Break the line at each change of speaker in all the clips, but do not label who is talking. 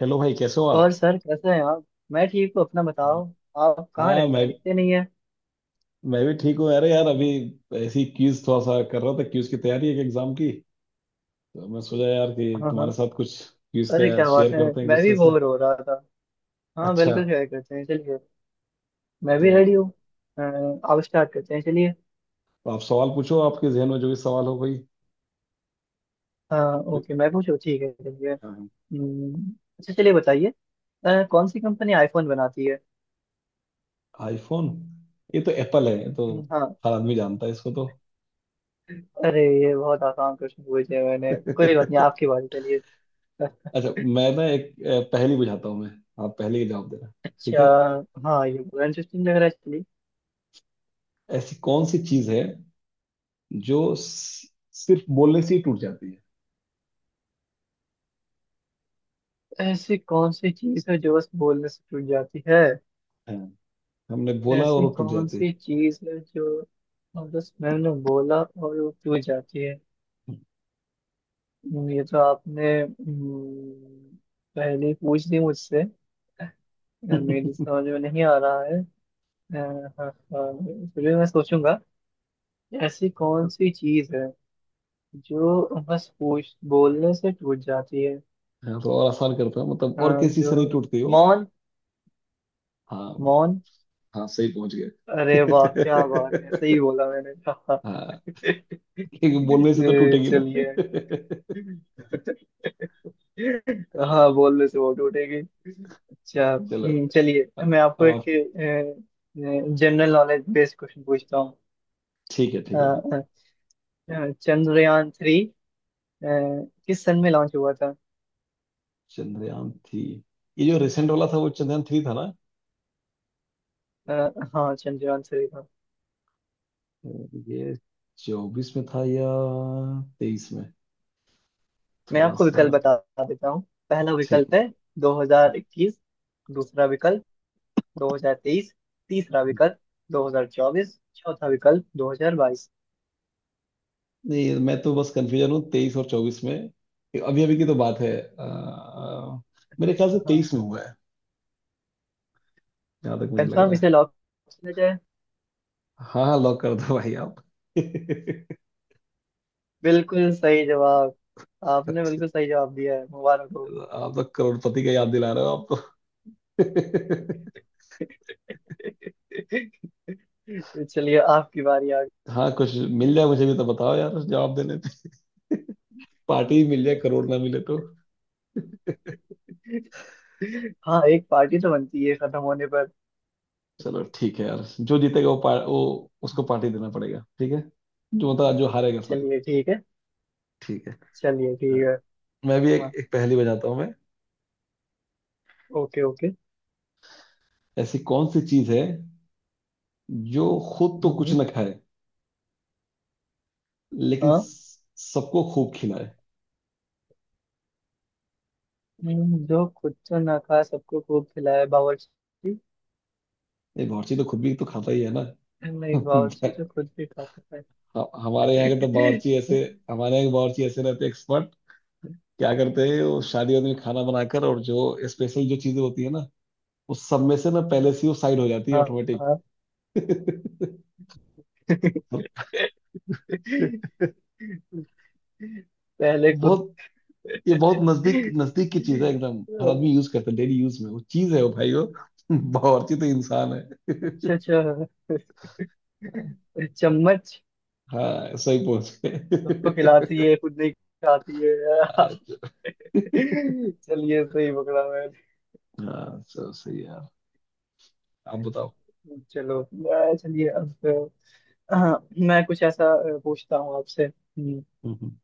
Hello भाई, कैसे हो
और
आप।
सर कैसे हैं आप? मैं ठीक हूँ, अपना बताओ। आप कहाँ
हाँ,
रहते हैं?
मैं
दिखते नहीं है।
भी ठीक हूँ। अरे यार, अभी ऐसी क्यूज थोड़ा सा कर रहा था, क्यूज की तैयारी है, एक एग्जाम की। तो मैं सोचा यार कि
हाँ,
तुम्हारे
हाँ।
साथ कुछ क्यूज
अरे,
का
क्या
शेयर
बात है।
करते हैं एक
मैं भी
दूसरे से।
बोर हो रहा था। हाँ,
अच्छा।
बिल्कुल शेयर करते हैं, चलिए। मैं भी रेडी
तो,
हूँ। अ, आप स्टार्ट करते हैं, चलिए।
तो आप सवाल पूछो, आपके जहन में जो भी सवाल हो कोई।
हाँ, ओके, मैं पूछूँ, ठीक है, चलिए।
हाँ।
हम्म, अच्छा, चलिए, बताइए। कौन सी कंपनी आईफोन बनाती है?
आईफोन? ये तो एप्पल है ये तो।
हाँ।
हर आदमी जानता है इसको तो।
अरे, ये बहुत आसान क्वेश्चन पूछ लिया मैंने, कोई बात नहीं, आपकी बारी, चलिए।
अच्छा, मैं ना एक पहेली बुझाता हूँ मैं। आप पहले ही जवाब देना। ठीक
अच्छा।
है।
हाँ, ये इंटरेस्टिंग लग रहा है, चलिए।
ऐसी कौन सी चीज है जो सिर्फ बोलने से ही टूट जाती है।
ऐसी कौन सी चीज है जो बस बोलने से टूट जाती है?
हाँ, हमने बोला और
ऐसी
वो टूट
कौन
जाते।
सी चीज है जो, और बस मैंने बोला और वो टूट जाती है? ये तो आपने पहले ही पूछ ली मुझसे। मेरी समझ में नहीं आ रहा है। हाँ, हाँ, फिर भी मैं सोचूंगा। ऐसी कौन सी चीज है जो बस पूछ बोलने से टूट जाती है?
हाँ, तो और आसान करता हूँ, मतलब
अ,
और किसी
जो
से नहीं टूटती हो।
मौन।
हाँ।
मौन।
हाँ, सही पहुंच गए।
अरे वाह, क्या बात है, सही बोला मैंने।
हाँ, क्योंकि बोलने से तो टूटेगी ना।
चलिए। हाँ, बोलने से वोट उठेगी। अच्छा,
चलो।
चलिए,
अ-
मैं आपको
अब
एक
आप।
जनरल नॉलेज बेस्ड क्वेश्चन पूछता हूँ।
ठीक है,
अ,
ठीक है।
अ, चंद्रयान 3 किस सन में लॉन्च हुआ था?
चंद्रयान थ्री? ये जो रिसेंट वाला था वो चंद्रयान थ्री था ना।
हाँ, चंद्रयान 3 था।
ये 2024 में था या 2023 में।
मैं
थोड़ा
आपको
सा।
विकल्प बता देता हूँ। पहला
ठीक
विकल्प
है।
है 2021, दूसरा विकल्प 2023, तीसरा विकल्प 2024, चौथा विकल्प 2022।
नहीं, मैं तो बस कंफ्यूजन हूँ 2023 और 2024 में। अभी अभी की तो बात है। मेरे ख्याल से 2023
हाँ,
में हुआ है, जहाँ तक मुझे लग
कंफर्म
रहा
इसे
है।
लॉक किया जाए।
हाँ हाँ, लॉक कर दो भाई आप।
बिल्कुल सही जवाब। आपने
अच्छा,
बिल्कुल सही जवाब दिया है, मुबारक हो।
आप तो करोड़पति का याद दिला रहे हो आप तो।
चलिए, आपकी बारी आ गई।
हाँ, कुछ मिल जाए मुझे भी तो बताओ यार, जवाब देने पे पार्टी ही मिल जाए, करोड़ ना मिले तो।
हाँ, एक पार्टी तो बनती है खत्म होने पर।
चलो ठीक है यार, जो जीतेगा वो वो उसको पार्टी देना पड़ेगा। ठीक है। जो, मतलब जो हारेगा, सॉरी।
चलिए, ठीक है।
ठीक है।
चलिए, ठीक है।
मैं भी एक
हाँ,
एक पहेली बजाता हूँ मैं।
Okay, okay.
ऐसी कौन सी चीज है जो खुद तो
हम्म,
कुछ ना खाए लेकिन
हाँ।
सबको खूब खिलाए।
जो खुद तो ना खा सबको खूब खिलाए, बावर्ची।
ये बावर्ची तो खुद भी तो खाता ही है ना।
नहीं, बावर्ची जो खुद भी खा सकता
हमारे यहाँ के तो
है।
बावर्ची ऐसे। हमारे यहाँ के बावर्ची ऐसे रहते, एक्सपर्ट, क्या करते हैं वो, शादियों में खाना बनाकर, और जो स्पेशल जो चीजें होती है ना, उस सब में से ना पहले से ही वो साइड हो जाती है
हाँ,
ऑटोमेटिक।
हाँ। पहले खुद।
बहुत। ये बहुत नजदीक नजदीक की चीज है एकदम, हर आदमी यूज करता है डेली यूज में, वो चीज है वो भाई वो। बावर्ची तो इंसान है।
अच्छा, अच्छा। चम्मच।
हाँ, सही पहुंच
सबको खिलाती है, खुद नहीं खाती है।
गए।
चलिए, सही पकड़ा मैंने।
हाँ सर, सही है यार। आप बताओ।
चलो, चलिए अब, हाँ, मैं कुछ ऐसा पूछता हूँ आपसे।
हम्म हम्म।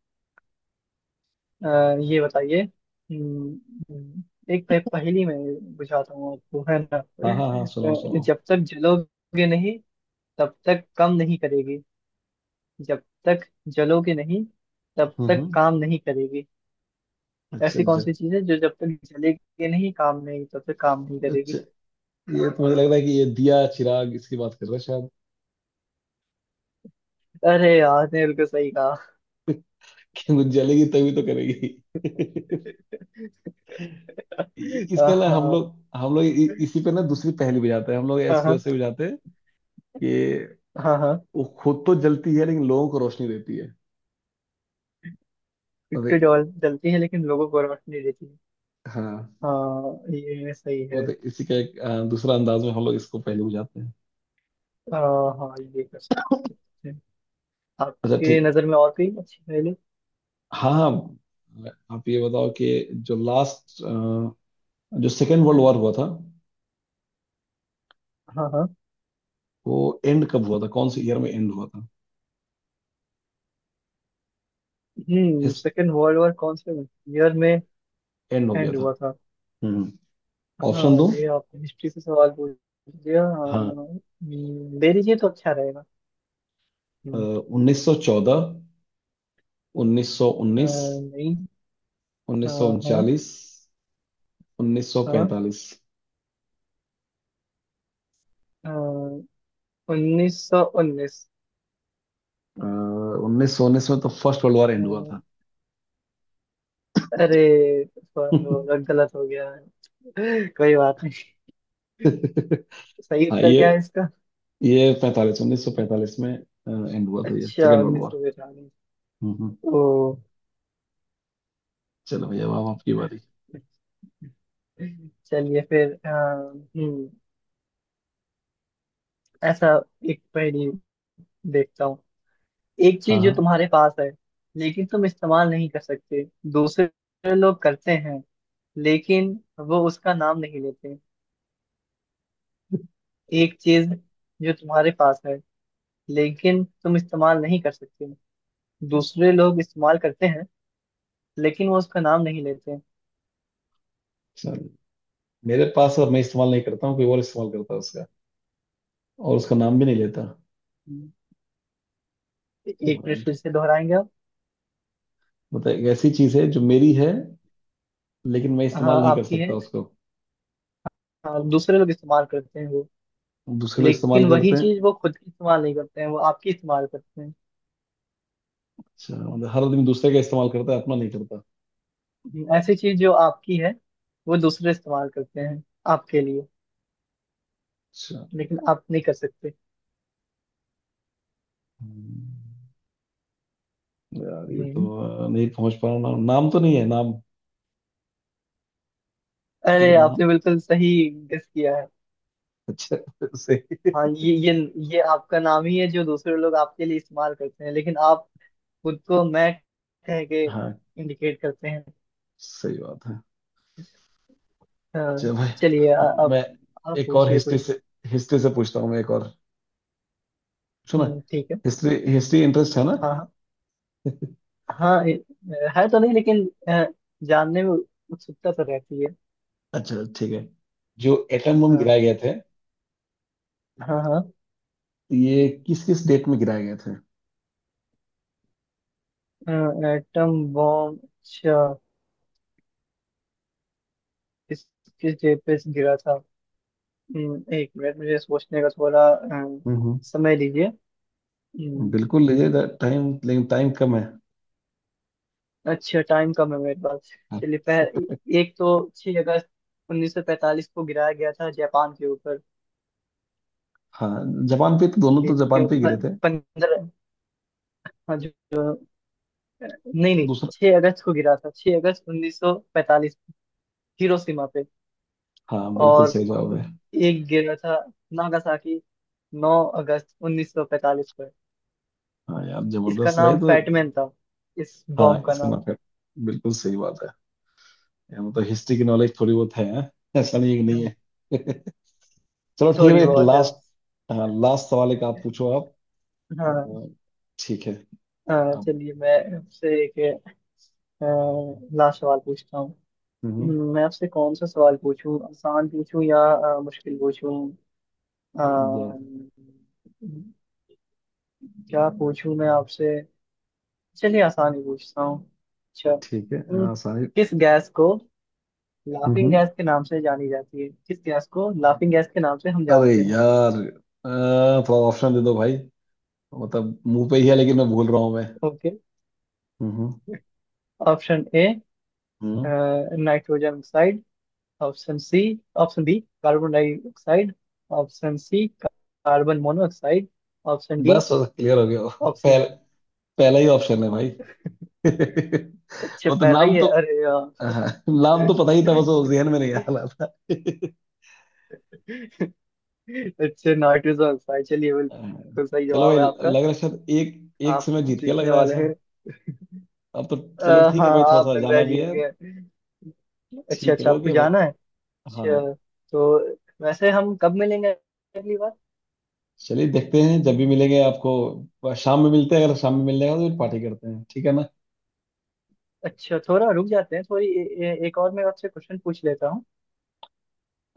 ये बताइए। हम्म, हम्म, एक पहेली में बुझाता हूँ आपको, है ना।
हाँ हाँ हाँ, सुनाओ सुनाओ।
जब तक जलोगे नहीं तब तक काम नहीं करेगी। जब तक जलोगे नहीं तब
हम्म
तक
हम्म।
काम नहीं करेगी।
अच्छा
ऐसी कौन
जब,
सी चीज है जो जब तक जलेगी नहीं, काम नहीं, तब तक काम नहीं करेगी?
अच्छा, ये तो मुझे लग रहा है कि ये दिया चिराग इसकी बात कर रहे हैं शायद।
अरे, यार ने बिल्कुल सही कहा।
कि वो जलेगी तभी तो करेगी। इसका ना हम
हाँ,
लोग हम लोग इसी पे ना दूसरी पहेली बुझाते हैं, हम लोग
हाँ,
इसको
हाँ,
ऐसे बुझाते हैं कि
हाँ, हाँ।
वो खुद तो जलती है लेकिन लोगों को रोशनी देती है। मतलब
इतनी जल जलती है, लेकिन लोगों को रोशनी नहीं देती।
हाँ,
हाँ, ये सही है।
मतलब इसी का एक दूसरा अंदाज में हम लोग इसको पहले बुझाते हैं।
हाँ, हाँ, ये कर सकते हैं।
अच्छा
आपकी
ठीक है।
नजर में और कोई अच्छी पहेली?
हाँ हाँ। आप ये बताओ कि जो लास्ट, जो सेकेंड वर्ल्ड वॉर हुआ था,
हाँ, हाँ।
वो एंड कब हुआ था, कौन से ईयर में एंड हुआ था। हिस
सेकेंड वर्ल्ड वॉर कौन से ईयर में
एंड हो गया
एंड
था।
हुआ था?
हम्म ऑप्शन
हाँ,
दो।
ये आपने हिस्ट्री से सवाल पूछ दिया। हाँ,
हाँ।
दे दीजिए तो अच्छा रहेगा। हम्म,
1914, उन्नीस सौ उन्नीस
नहीं।
उन्नीस सौ
हाँ। हाँ।
उनचालीस उन्नीस सौ
हाँ।
पैंतालीस
हाँ। 1919।
1919 में तो फर्स्ट वर्ल्ड वॉर एंड हुआ था।
अरे, थोड़ा थोड़ा गलत हो गया है। कोई बात नहीं। सही
हाँ
उत्तर क्या है
ये
इसका?
ये 45, 1945 में एंड हुआ था ये
अच्छा,
सेकेंड वर्ल्ड
उन्नीस
वॉर।
सौ बिरानवे
हम्म
ओ।
चलो भैया, अब आपकी बारी।
चलिए फिर, ऐसा एक पहेली देखता हूँ। एक
हाँ
चीज जो
हाँ
तुम्हारे पास है, लेकिन तुम इस्तेमाल नहीं कर सकते। दूसरे लोग करते हैं, लेकिन वो उसका नाम नहीं लेते। एक चीज जो तुम्हारे पास है, लेकिन तुम इस्तेमाल नहीं कर सकते। दूसरे लोग इस्तेमाल करते हैं, लेकिन वो उसका नाम नहीं लेते हैं।
चलो। मेरे पास, अब मैं इस्तेमाल नहीं करता हूँ, कोई और इस्तेमाल करता है उसका, और उसका नाम भी नहीं लेता,
एक मिनट,
मतलब।
फिर से दोहराएंगे आप?
एक ऐसी चीज है जो मेरी है लेकिन मैं इस्तेमाल
हाँ,
नहीं कर
आपकी है।
सकता उसको।
हाँ, दूसरे लोग इस्तेमाल करते हैं वो।
दूसरे लोग
लेकिन
इस्तेमाल
वही
करते हैं।
चीज वो खुद इस्तेमाल नहीं करते हैं, वो आपकी इस्तेमाल करते
अच्छा, मतलब हर आदमी दूसरे का इस्तेमाल करता है, अपना नहीं करता।
हैं। ऐसी चीज जो आपकी है, वो दूसरे इस्तेमाल करते हैं आपके लिए,
अच्छा।
लेकिन आप नहीं कर सकते।
हम्म, यार ये
हम्म।
तो, नहीं पहुंच पा रहा। नाम? नाम तो नहीं है। नाम ठीक
अरे,
है, नाम।
आपने बिल्कुल सही गेस किया है।
अच्छा सही।
हाँ, ये आपका नाम ही है, जो दूसरे लोग आपके लिए इस्तेमाल करते हैं, लेकिन आप खुद को मैं कह के
हाँ,
इंडिकेट करते हैं।
सही बात है।
अ,
चल भाई।
चलिए,
तो
अब
मैं
आप
एक और
पूछिए
हिस्ट्री
कुछ।
से, हिस्ट्री से पूछता हूँ मैं एक और। सुना,
ठीक है।
हिस्ट्री हिस्ट्री इंटरेस्ट है ना।
हाँ, हाँ। हाँ, है तो नहीं, लेकिन जानने में उत्सुकता तो रहती है।
अच्छा ठीक है। जो एटम बम
हाँ।
गिराए गए थे,
हाँ, हाँ।
ये किस किस डेट में गिराए गए थे।
एटम बॉम्ब, अच्छा। किस किस डे पे गिरा था? एक मिनट, मुझे सोचने का थोड़ा
हम्म
समय दीजिए। हम्म।
बिल्कुल लीजिए टाइम, लेकिन टाइम कम है।
अच्छा, टाइम कम है मेरे पास।
हाँ।
चलिए, एक तो 6 अगस्त 1945 को गिराया गया था जापान के ऊपर।
हाँ, जापान पे तो दोनों तो जापान
एक
पे गिरे थे।
15। हाँ, जो जो- नहीं, नहीं,
दूसरा।
6 अगस्त को गिरा था, 6 अगस्त 1945 को, हिरोशिमा पे।
हाँ, बिल्कुल
और
सही जवाब है।
एक गिरा था नागासाकी, 9 अगस्त 1945 पर।
हाँ यार,
इसका
जबरदस्त भाई
नाम
तो।
फैटमैन था, इस
हाँ,
बॉम्ब का
इसका
नाम।
माफ है। बिल्कुल सही बात है। यार मतलब हिस्ट्री की नॉलेज थोड़ी बहुत है, हैं? ऐसा नहीं है कि नहीं है। चलो ठीक है
थोड़ी
भाई,
बहुत है
लास्ट।
बस।
हाँ, लास्ट सवाल एक आप पूछो, आप।
हाँ,
अ, ठीक है। अब।
चलिए, मैं आपसे एक अ, लास्ट सवाल पूछता हूँ।
हम्म
मैं आपसे कौन सा सवाल पूछूं, आसान पूछूं या मुश्किल पूछूं?
दे-
अम्म, क्या पूछूं मैं आपसे? चलिए, आसान ही पूछता हूँ, अच्छा।
ठीक है, हाँ सारे।
किस गैस को लाफिंग
हम्म
गैस के नाम से जानी जाती है, किस गैस को लाफिंग गैस के नाम से हम
अरे
जानते हैं?
यार, अ, थोड़ा ऑप्शन दे दो भाई, मतलब मुंह पे ही है लेकिन मैं भूल रहा हूँ मैं।
Okay.
Hmm
option A.
Hmm
nitrogen oxide. Option C. Option B carbon dioxide. Option C carbon monoxide. Option D
बस क्लियर हो गया। पहल,
ऑक्सीजन।
पहला ही ऑप्शन है भाई।
अच्छा,
वो तो
पहला ही
नाम
है,
तो,
अरे यार।
हाँ, नाम तो पता ही था बस वो जहन में नहीं आ रहा था।
अच्छा, नाइट्रोजन ऑक्साइड। चलिए, बिल्कुल सही
चलो
जवाब
भाई,
है आपका।
लग रहा है शायद एक, एक से
आप
मैं जीत के लग
जीतने
रहा है
वाले
ऐसा।
हैं।
अब तो। चलो ठीक है
हाँ,
भाई, थोड़ा
आप
सा
लग रहा
जाना
है
भी
जीत
है।
गए। अच्छा,
ठीक है,
अच्छा, आपको
ओके भाई।
जाना है।
हाँ।
अच्छा। तो वैसे हम कब मिलेंगे अगली बार?
चलिए देखते हैं, जब भी मिलेंगे आपको शाम में मिलते हैं, अगर शाम में मिल जाएगा तो फिर पार्टी करते हैं ठीक है ना।
अच्छा, थोड़ा रुक जाते हैं, थोड़ी ए, ए, एक और मैं आपसे क्वेश्चन पूछ लेता हूँ।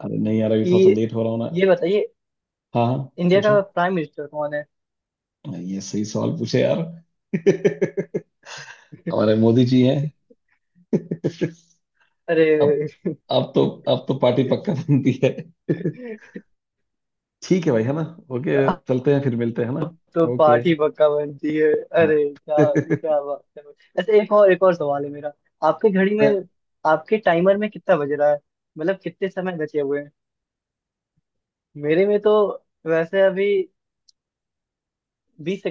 अरे नहीं यार, अभी थोड़ा सा
कि
लेट हो रहा हूँ ना।
ये बताइए।
हाँ हाँ।
इंडिया
पूछो।
का प्राइम मिनिस्टर कौन है?
नहीं, ये सही सवाल पूछे यार। हमारे मोदी जी हैं। अब
अरे।
अब तो, अब तो पार्टी पक्का बनती है। ठीक है भाई है ना। ओके।
आप
चलते हैं, फिर मिलते हैं है ना।
तो
ओके।
पार्टी पक्का बनती है। अरे,
हाँ।
क्या क्या बात है। ऐसे एक और सवाल है मेरा। आपके घड़ी में, आपके टाइमर में कितना बज रहा है? मतलब कितने समय बचे हुए हैं? मेरे में तो वैसे अभी 20